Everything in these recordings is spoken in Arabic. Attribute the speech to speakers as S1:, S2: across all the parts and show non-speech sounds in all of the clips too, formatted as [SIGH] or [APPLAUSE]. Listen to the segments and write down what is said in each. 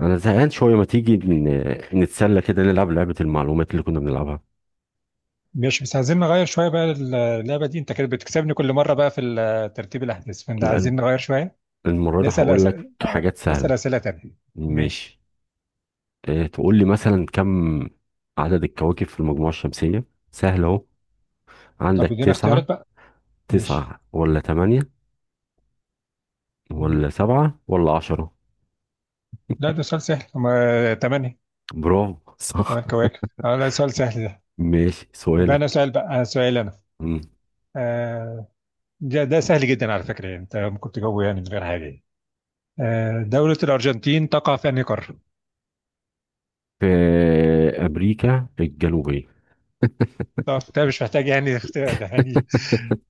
S1: انا زهقان شويه، ما تيجي نتسلى كده نلعب لعبه المعلومات اللي كنا بنلعبها؟
S2: مش بس عايزين نغير شوية بقى. اللعبة دي انت كانت بتكسبني كل مرة بقى في ترتيب الأحداث، فاحنا
S1: لأن
S2: عايزين نغير شوية.
S1: المره دي
S2: نسأل
S1: هقول
S2: أس...
S1: لك حاجات
S2: نسأل
S1: سهله.
S2: أسئلة تانية. ماشي.
S1: ماشي. تقول لي مثلا كم عدد الكواكب في المجموعه الشمسيه؟ سهل اهو.
S2: طب
S1: عندك
S2: ادينا
S1: 9،
S2: اختيارات بقى. ماشي.
S1: تسعة ولا تمانية
S2: مم.
S1: ولا سبعة ولا عشرة
S2: لا، ده سؤال سهل، هما تمانية.
S1: برافو،
S2: تمن
S1: صح.
S2: كواكب. اه، لا، سؤال سهل ده.
S1: [LAUGHS] ماشي،
S2: يبقى أنا
S1: سؤالك.
S2: سؤال بقى، أنا سؤال أنا.
S1: مم.
S2: آه ده سهل جدا على فكرة، يعني انت ممكن تجاوبه يعني من غير حاجة يعني. دولة الأرجنتين تقع في أنهي قارة؟
S1: في امريكا الجنوبيه.
S2: طب ده مش محتاج يعني اختراع ده يعني.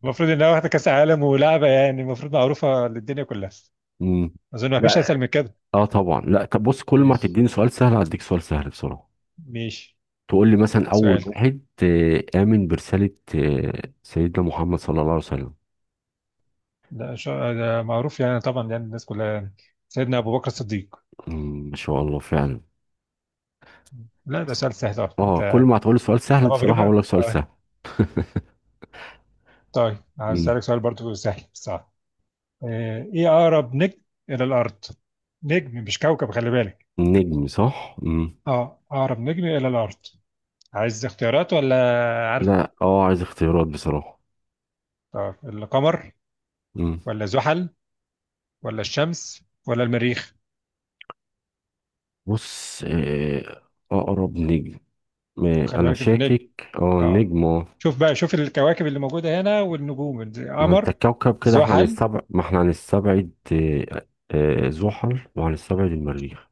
S2: المفروض انها واخده كاس عالم ولعبه، يعني المفروض معروفه للدنيا كلها.
S1: مم.
S2: اظن ما فيش اسهل
S1: لا،
S2: من كده.
S1: اه طبعا لا. طب بص، كل ما
S2: ماشي.
S1: تديني سؤال سهل هديك سؤال سهل بسرعه.
S2: ماشي
S1: تقول لي مثلا اول
S2: سؤالك.
S1: واحد امن برساله. سيدنا محمد صلى الله عليه وسلم.
S2: ده معروف يعني، طبعا يعني الناس كلها يعني. سيدنا ابو بكر الصديق.
S1: ما شاء الله فعلا.
S2: لا ده سؤال سهل طبعا
S1: اه، كل
S2: انت.
S1: ما هتقول لي سؤال سهل
S2: طبعا بجيب
S1: بصراحه اقول لك
S2: لك.
S1: سؤال
S2: طيب،
S1: سهل.
S2: طيب عايز
S1: مم.
S2: اسالك سؤال برضو سهل، صح؟ ايه اقرب نجم الى الارض؟ نجم مش كوكب، خلي بالك.
S1: النجم، صح. مم.
S2: اه، اقرب نجم الى الارض. عايز اختيارات ولا عارف؟
S1: لا، اه عايز اختيارات بصراحه.
S2: طب القمر،
S1: مم.
S2: ولا زحل، ولا الشمس، ولا المريخ؟
S1: بص، اقرب نجم.
S2: خلي
S1: انا
S2: بالك انه نجم.
S1: شاكك،
S2: اه.
S1: النجم اه
S2: شوف بقى، شوف الكواكب اللي موجوده هنا والنجوم.
S1: ما انت
S2: القمر،
S1: الكوكب، كده احنا
S2: زحل
S1: هنستبعد ما احنا هنستبعد زحل، وهنستبعد المريخ.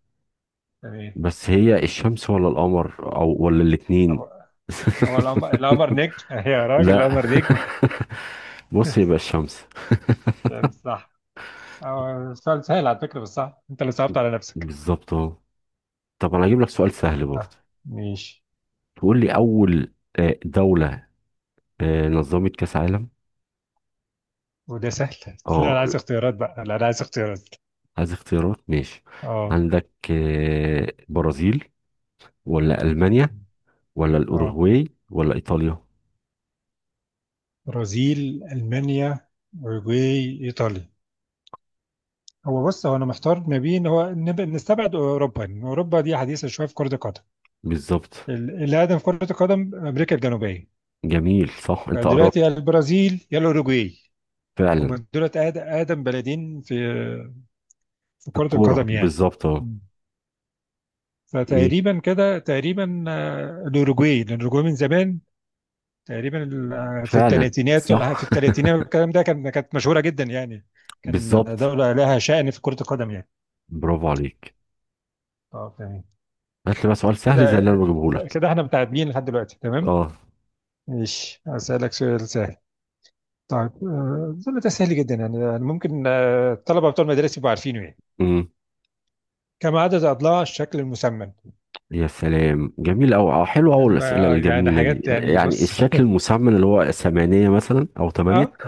S2: يعني.
S1: بس هي الشمس ولا القمر ولا الاتنين؟
S2: هو
S1: [LAUGHS]
S2: هو القمر. القمر نجم [LAUGHS] يا
S1: لا.
S2: راجل،
S1: [LAUGHS]
S2: القمر نجم.
S1: بص، يبقى
S2: [LAUGHS]
S1: الشمس.
S2: يعني صح. سؤال سهل على فكره، بس صح، انت اللي صعبت على نفسك.
S1: بالظبط اهو. طب انا هجيب لك سؤال سهل برضه.
S2: ماشي.
S1: تقول لي اول دولة نظمت كاس عالم.
S2: وده سهل؟ [LAUGHS] لا انا
S1: اه،
S2: عايز اختيارات بقى، لا انا عايز اختيارات.
S1: عايز اختيارات. ماشي.
S2: اه.
S1: عندك برازيل، ولا المانيا، ولا
S2: اه،
S1: الاوروغواي، ولا ايطاليا؟
S2: برازيل، المانيا، اوروجواي، ايطاليا. هو بص، هو انا محتار ما بين، هو نستبعد اوروبا، يعني اوروبا دي حديثه شويه في كره القدم.
S1: بالظبط.
S2: اللي اقدم في كره القدم امريكا الجنوبيه.
S1: جميل، صح، انت
S2: فدلوقتي يا
S1: قربت.
S2: البرازيل يا الاوروجواي.
S1: فعلا.
S2: هم دولت اقدم بلدين في، في كره
S1: الكورة
S2: القدم يعني.
S1: بالظبط اهو.
S2: مم.
S1: ايه،
S2: فتقريبا كده، تقريبا الاوروجواي، لان الاوروجواي من زمان تقريبا في
S1: فعلا
S2: الثلاثينات ولا في
S1: صح.
S2: الثلاثينات والكلام ده، كان كانت مشهوره جدا يعني. كان
S1: بالظبط.
S2: دوله لها شأن في كره القدم يعني.
S1: برافو عليك.
S2: اه تمام.
S1: هات لي بقى سؤال
S2: كده،
S1: سهل زي اللي انا بجيبه لك.
S2: كده احنا متعادلين لحد دلوقتي، تمام.
S1: اه.
S2: ماشي، أسألك سؤال سهل. طيب أظن ده سهل جدا يعني، يعني ممكن الطلبة بتوع المدارس يبقوا عارفينه يعني.
S1: امم
S2: كم عدد أضلاع الشكل المسمن؟
S1: يا سلام، جميل أوي، أو حلو أوي
S2: يعني بقى
S1: الأسئلة
S2: يعني
S1: الجميلة دي.
S2: حاجات يعني،
S1: يعني
S2: بص. [LAUGHS]
S1: الشكل المسمن اللي هو 8 مثلا أو 8.
S2: اه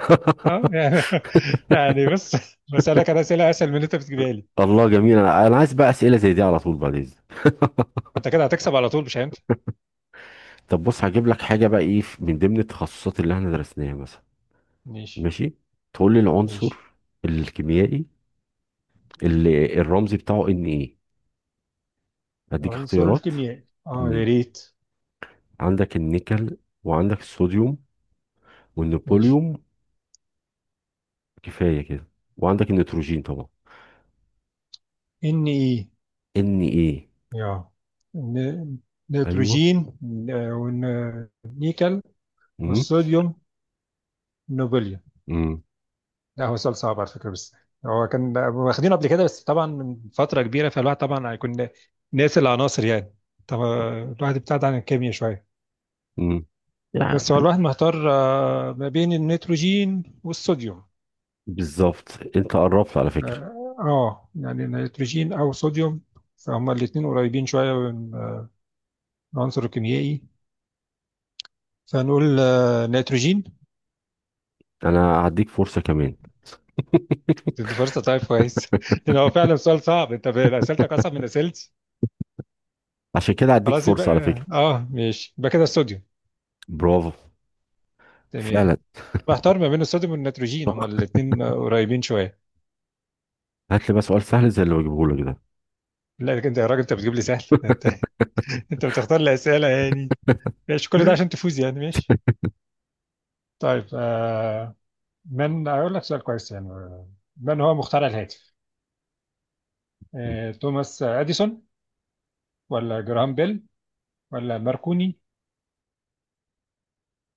S2: اه يعني [LAUGHS] يعني بص، بسألك أنا أسئلة أسهل من اللي أنت بتجيبها لي.
S1: [LAUGHS] الله، جميل. أنا عايز بقى أسئلة زي دي على طول بعد إذنك.
S2: وأنت كده هتكسب على طول، مش أنت؟
S1: طب بص، هجيب لك حاجة بقى من ضمن التخصصات اللي إحنا درسناها مثلا.
S2: ماشي.
S1: ماشي. تقول لي العنصر
S2: ماشي.
S1: الكيميائي اللي الرمز بتاعه إن إيه. أديك
S2: عنصر
S1: اختيارات.
S2: الكيمياء، اه يا
S1: مم.
S2: ريت.
S1: عندك النيكل، وعندك الصوديوم،
S2: ماشي.
S1: والنبوليوم، كفايه كده، وعندك النيتروجين طبعا.
S2: ان ايه.
S1: ان ايه.
S2: يا ن-
S1: ايوه.
S2: نيتروجين. آه، والنيكل،
S1: امم
S2: والصوديوم، نوبل.
S1: امم
S2: لا هو سؤال صعب على فكرة، بس هو كان واخدينه قبل كده بس طبعا من فترة كبيرة، فالواحد طبعا هيكون ناسي العناصر يعني. طبعا الواحد ابتعد عن الكيمياء شوية.
S1: امم يعني
S2: بس هو الواحد محتار ما بين النيتروجين والصوديوم.
S1: بالظبط، انت قربت على فكره.
S2: اه يعني نيتروجين او صوديوم. فهما الاتنين قريبين شوية من العنصر الكيميائي. فنقول نيتروجين.
S1: انا هديك فرصه كمان.
S2: دي فرصة؟ طيب كويس [LAUGHS] لأن هو فعلا سؤال صعب. انت أسئلتك أصعب من أسئلتي.
S1: عشان كده هديك
S2: خلاص يبقى
S1: فرصه على
S2: اه
S1: فكره.
S2: ماشي، يبقى كده الصوديوم.
S1: برافو.
S2: تمام.
S1: فعلا.
S2: محتار ما بين الصوديوم والنيتروجين، هما
S1: طب
S2: الاثنين قريبين شويه.
S1: هات لي بقى سؤال سهل زي اللي بجيبه لك ده.
S2: لا لكن انت يا راجل، انت بتجيب لي سهل ده؟ انت [LAUGHS] انت بتختار لي اسئله يعني. ماشي، كل ده عشان تفوز يعني، ماشي. طيب آه، من اقول لك سؤال كويس يعني، من هو مخترع الهاتف؟ آه، توماس اديسون، ولا جراهام بيل، ولا ماركوني؟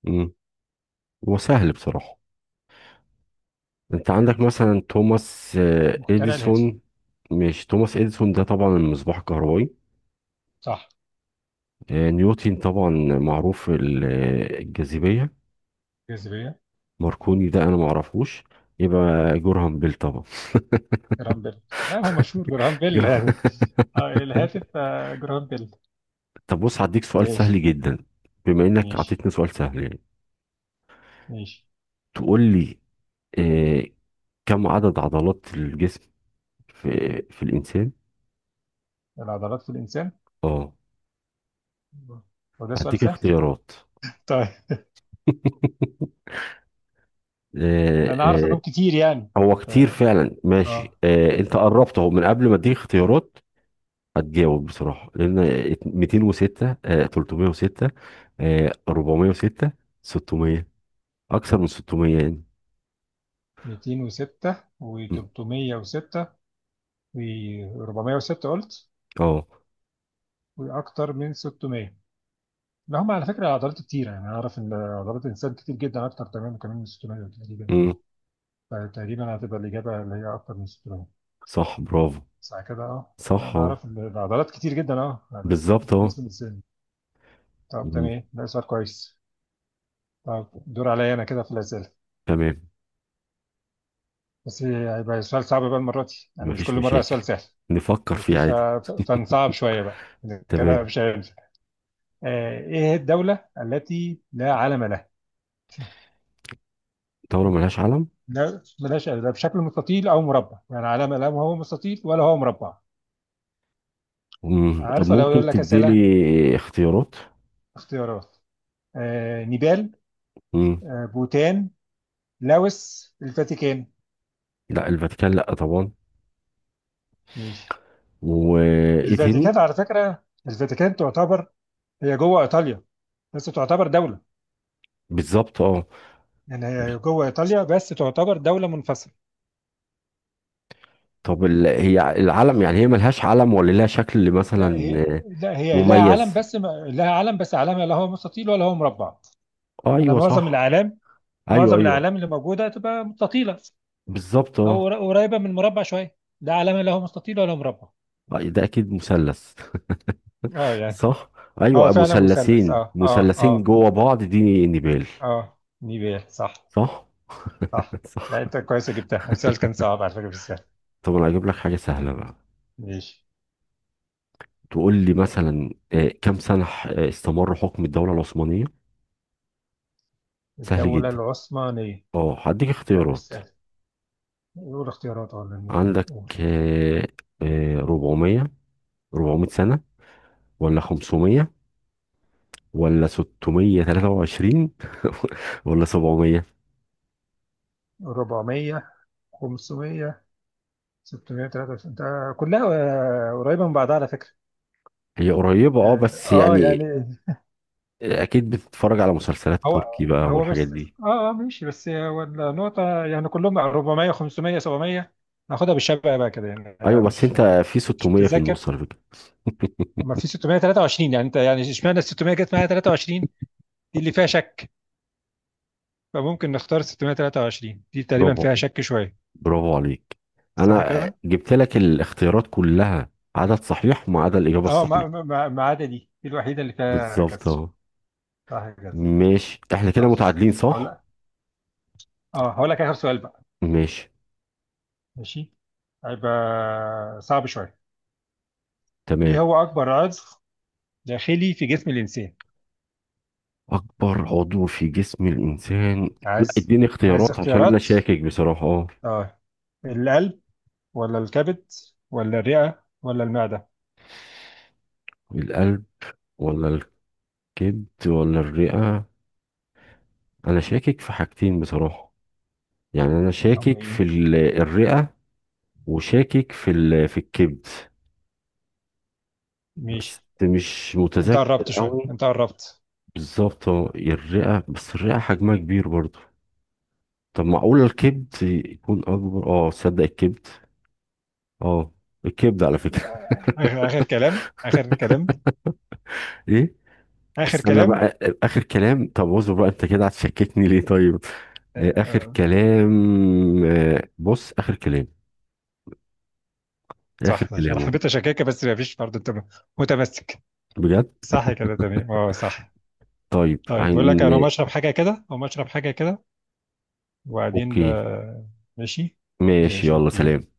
S1: امم هو سهل بصراحه. انت عندك مثلا توماس
S2: مخترع الهاتف.
S1: اديسون. مش توماس اديسون ده طبعا؟ المصباح الكهربائي.
S2: صح.
S1: نيوتن طبعا، معروف الجاذبيه.
S2: جاذبيه.
S1: ماركوني ده انا ما اعرفوش. يبقى جورهام بيل طبعا.
S2: جراهام بيل، لا هو مشهور جراهام
S1: [LAUGHS]
S2: بيل
S1: جورهام-.
S2: يعني. آه الهاتف، آه جراهام بيل.
S1: طب بص، هديك سؤال
S2: ماشي.
S1: سهل جدا، بما انك
S2: ماشي.
S1: عطيتني سؤال سهل يعني.
S2: ماشي.
S1: تقول لي آه كم عدد عضلات الجسم في في الانسان؟
S2: العضلات في الانسان.
S1: اه،
S2: وده سؤال
S1: هديك
S2: سهل؟
S1: اختيارات.
S2: طيب.
S1: [LAUGHS] آه
S2: ده انا عارف
S1: آه
S2: انهم كتير يعني،
S1: هو
S2: انت.
S1: كتير فعلا.
S2: اه،
S1: ماشي، انت قربت اهو من قبل ما اديك اختيارات. هتجاوب بصراحة لان 206، 306، 406، 600، اكثر من 600.
S2: 206
S1: يعني.
S2: و306 و406 قلت،
S1: اه.
S2: واكتر من 600. لا هم على فكره عضلات كتير يعني، انا اعرف ان عضلات الانسان كتير جدا، اكتر تمام كمان من 600 تقريبا.
S1: امم
S2: فتقريبا هتبقى الاجابه اللي هي اكتر من 600.
S1: صح، برافو،
S2: ساعه كده. اه لا،
S1: صح،
S2: انا
S1: اه،
S2: اعرف ان العضلات كتير جدا، اه، عضلات
S1: بالظبط، اه.
S2: بالنسبه للانسان. طب
S1: مم.
S2: تمام، ده سؤال كويس. طب دور عليا انا كده في الاسئله.
S1: تمام.
S2: بس هيبقى سؤال صعب بقى المره دي، يعني مش كل
S1: مفيش
S2: مره
S1: مشاكل،
S2: سؤال سهل.
S1: نفكر
S2: ماشي،
S1: فيه عادي.
S2: فنصعب شوية بقى، إذا كده
S1: تمام.
S2: مش هيمسك. إيه هي الدولة التي لا علم لها؟
S1: دولة ملهاش علم.
S2: لا بلاش، لا بشكل مستطيل أو مربع، يعني علم لا هو مستطيل ولا هو مربع.
S1: طب
S2: عارفة لو يقول
S1: ممكن
S2: لك
S1: تديلي
S2: أسئلة.
S1: اختيارات.
S2: اختيارات. نيبال،
S1: مم.
S2: بوتان، لاوس، الفاتيكان.
S1: لا الفاتيكان، لا طبعا.
S2: ماشي.
S1: وايه تاني؟
S2: الفاتيكان على فكرة، الفاتيكان تعتبر، هي جوه إيطاليا بس تعتبر دولة.
S1: بالظبط، اه.
S2: يعني هي جوه إيطاليا بس تعتبر دولة منفصلة.
S1: طب هي العلم، يعني هي ملهاش علم ولا لها شكل
S2: لا
S1: مثلا
S2: هي، لا هي لها علم،
S1: مميز؟
S2: بس لها علم بس علمها لا هو مستطيل ولا هو مربع. انا
S1: ايوه،
S2: معظم
S1: صح.
S2: الاعلام،
S1: ايوه،
S2: معظم
S1: ايوه.
S2: الاعلام اللي موجوده تبقى مستطيله،
S1: بالظبط،
S2: او
S1: اه.
S2: قريبه من مربع شويه. ده علمها لا هو مستطيل ولا مربع.
S1: ده اكيد مثلث.
S2: اه
S1: [LAUGHS]
S2: يعني.
S1: صح.
S2: هو
S1: ايوه،
S2: فعلا مثلث.
S1: مثلثين
S2: اه اه
S1: مثلثين
S2: اه.
S1: جوه بعض، دي نبال.
S2: اه نيبال صح.
S1: صح.
S2: صح.
S1: [LAUGHS]
S2: لا
S1: صح.
S2: انت كويس جبتها، السؤال كان صعب على فكره مش سهل.
S1: طب انا هجيب لك حاجه سهله بقى.
S2: ماشي.
S1: تقول لي مثلا كم سنه استمر حكم الدوله العثمانيه؟ سهل
S2: الدوله
S1: جدا.
S2: العثمانيه.
S1: اه، هديك
S2: لا مش
S1: اختيارات.
S2: سهل. قول اختيارات ولا نقول؟
S1: عندك
S2: قول.
S1: آه، 400، 400 سنه، ولا 500، ولا 623، [LAUGHS] ولا 700؟
S2: 400، 500، 693 ده كلها قريبة من بعضها على فكرة.
S1: هي قريبه اه
S2: يعني
S1: بس
S2: اه
S1: يعني.
S2: يعني.
S1: اكيد بتتفرج على مسلسلات
S2: هو
S1: تركي بقى
S2: هو
S1: والحاجات
S2: بس
S1: دي.
S2: اه اه ماشي، بس هو النقطة يعني كلهم 400، 500، 700. ناخدها بالشبع بقى كده يعني،
S1: ايوه،
S2: انا
S1: بس انت في
S2: مش
S1: 600 في
S2: متذكر.
S1: النص على فكره.
S2: اما في 623، يعني انت، يعني اشمعنى ال 600 جت معايا 23، دي اللي فيها شك. فممكن نختار 623 دي، تقريبا
S1: برافو.
S2: فيها شك شوية.
S1: برافو عليك.
S2: صح
S1: انا
S2: كده؟
S1: جبت لك الاختيارات كلها عدد صحيح وما عدا الاجابه
S2: اه،
S1: الصحيحه.
S2: ما عدا دي الوحيدة اللي فيها
S1: بالظبط
S2: كسر.
S1: اهو.
S2: صح كده.
S1: ماشي، احنا كده
S2: صح.
S1: متعادلين،
S2: هقول
S1: صح.
S2: لك، اه هقول لك اخر سؤال بقى.
S1: ماشي.
S2: ماشي. هيبقى صعب شوية.
S1: تمام.
S2: إيه هو أكبر عضو داخلي في جسم الإنسان؟
S1: اكبر عضو في جسم الانسان. لا،
S2: عايز.
S1: اديني
S2: عايز
S1: اختيارات عشان انا
S2: اختيارات؟
S1: شاكك بصراحه، اه.
S2: آه، القلب، ولا الكبد، ولا الرئة، ولا المعدة؟
S1: القلب، ولا الكبد، ولا الرئه. انا شاكك في حاجتين بصراحه. يعني انا
S2: هم
S1: شاكك في
S2: إيه؟
S1: الرئه، وشاكك في في الكبد. بس
S2: ماشي.
S1: مش
S2: أنت
S1: متذكر
S2: قربت شوية،
S1: قوي.
S2: أنت قربت.
S1: بالظبط، اه، الرئة، بس الرئة حجمها كبير برضه. طب معقول الكبد يكون أكبر؟ اه تصدق الكبد. اه، الكبد على فكرة.
S2: آخر,
S1: [LAUGHS]
S2: آخر كلام آخر كلام.
S1: ايه؟
S2: آخر
S1: استنى
S2: كلام.
S1: بقى. آخر كلام؟ طب اصبر بقى، انت كده هتشككني ليه طيب؟
S2: آه،
S1: آخر
S2: آه،
S1: كلام. بص، آخر كلام. آخر
S2: صح ماشي، أنا
S1: كلامه.
S2: حبيت أشككك بس مفيش، برضه أنت متمسك.
S1: بجد.
S2: صح كده، تمام أه صح.
S1: طيب،
S2: طيب بقول
S1: عن.
S2: لك أنا مشرب حاجة كده أو مشرب حاجة كده. وبعدين
S1: اوكي.
S2: ماشي.
S1: ماشي،
S2: ماشي
S1: يلا
S2: أوكي.
S1: سلام.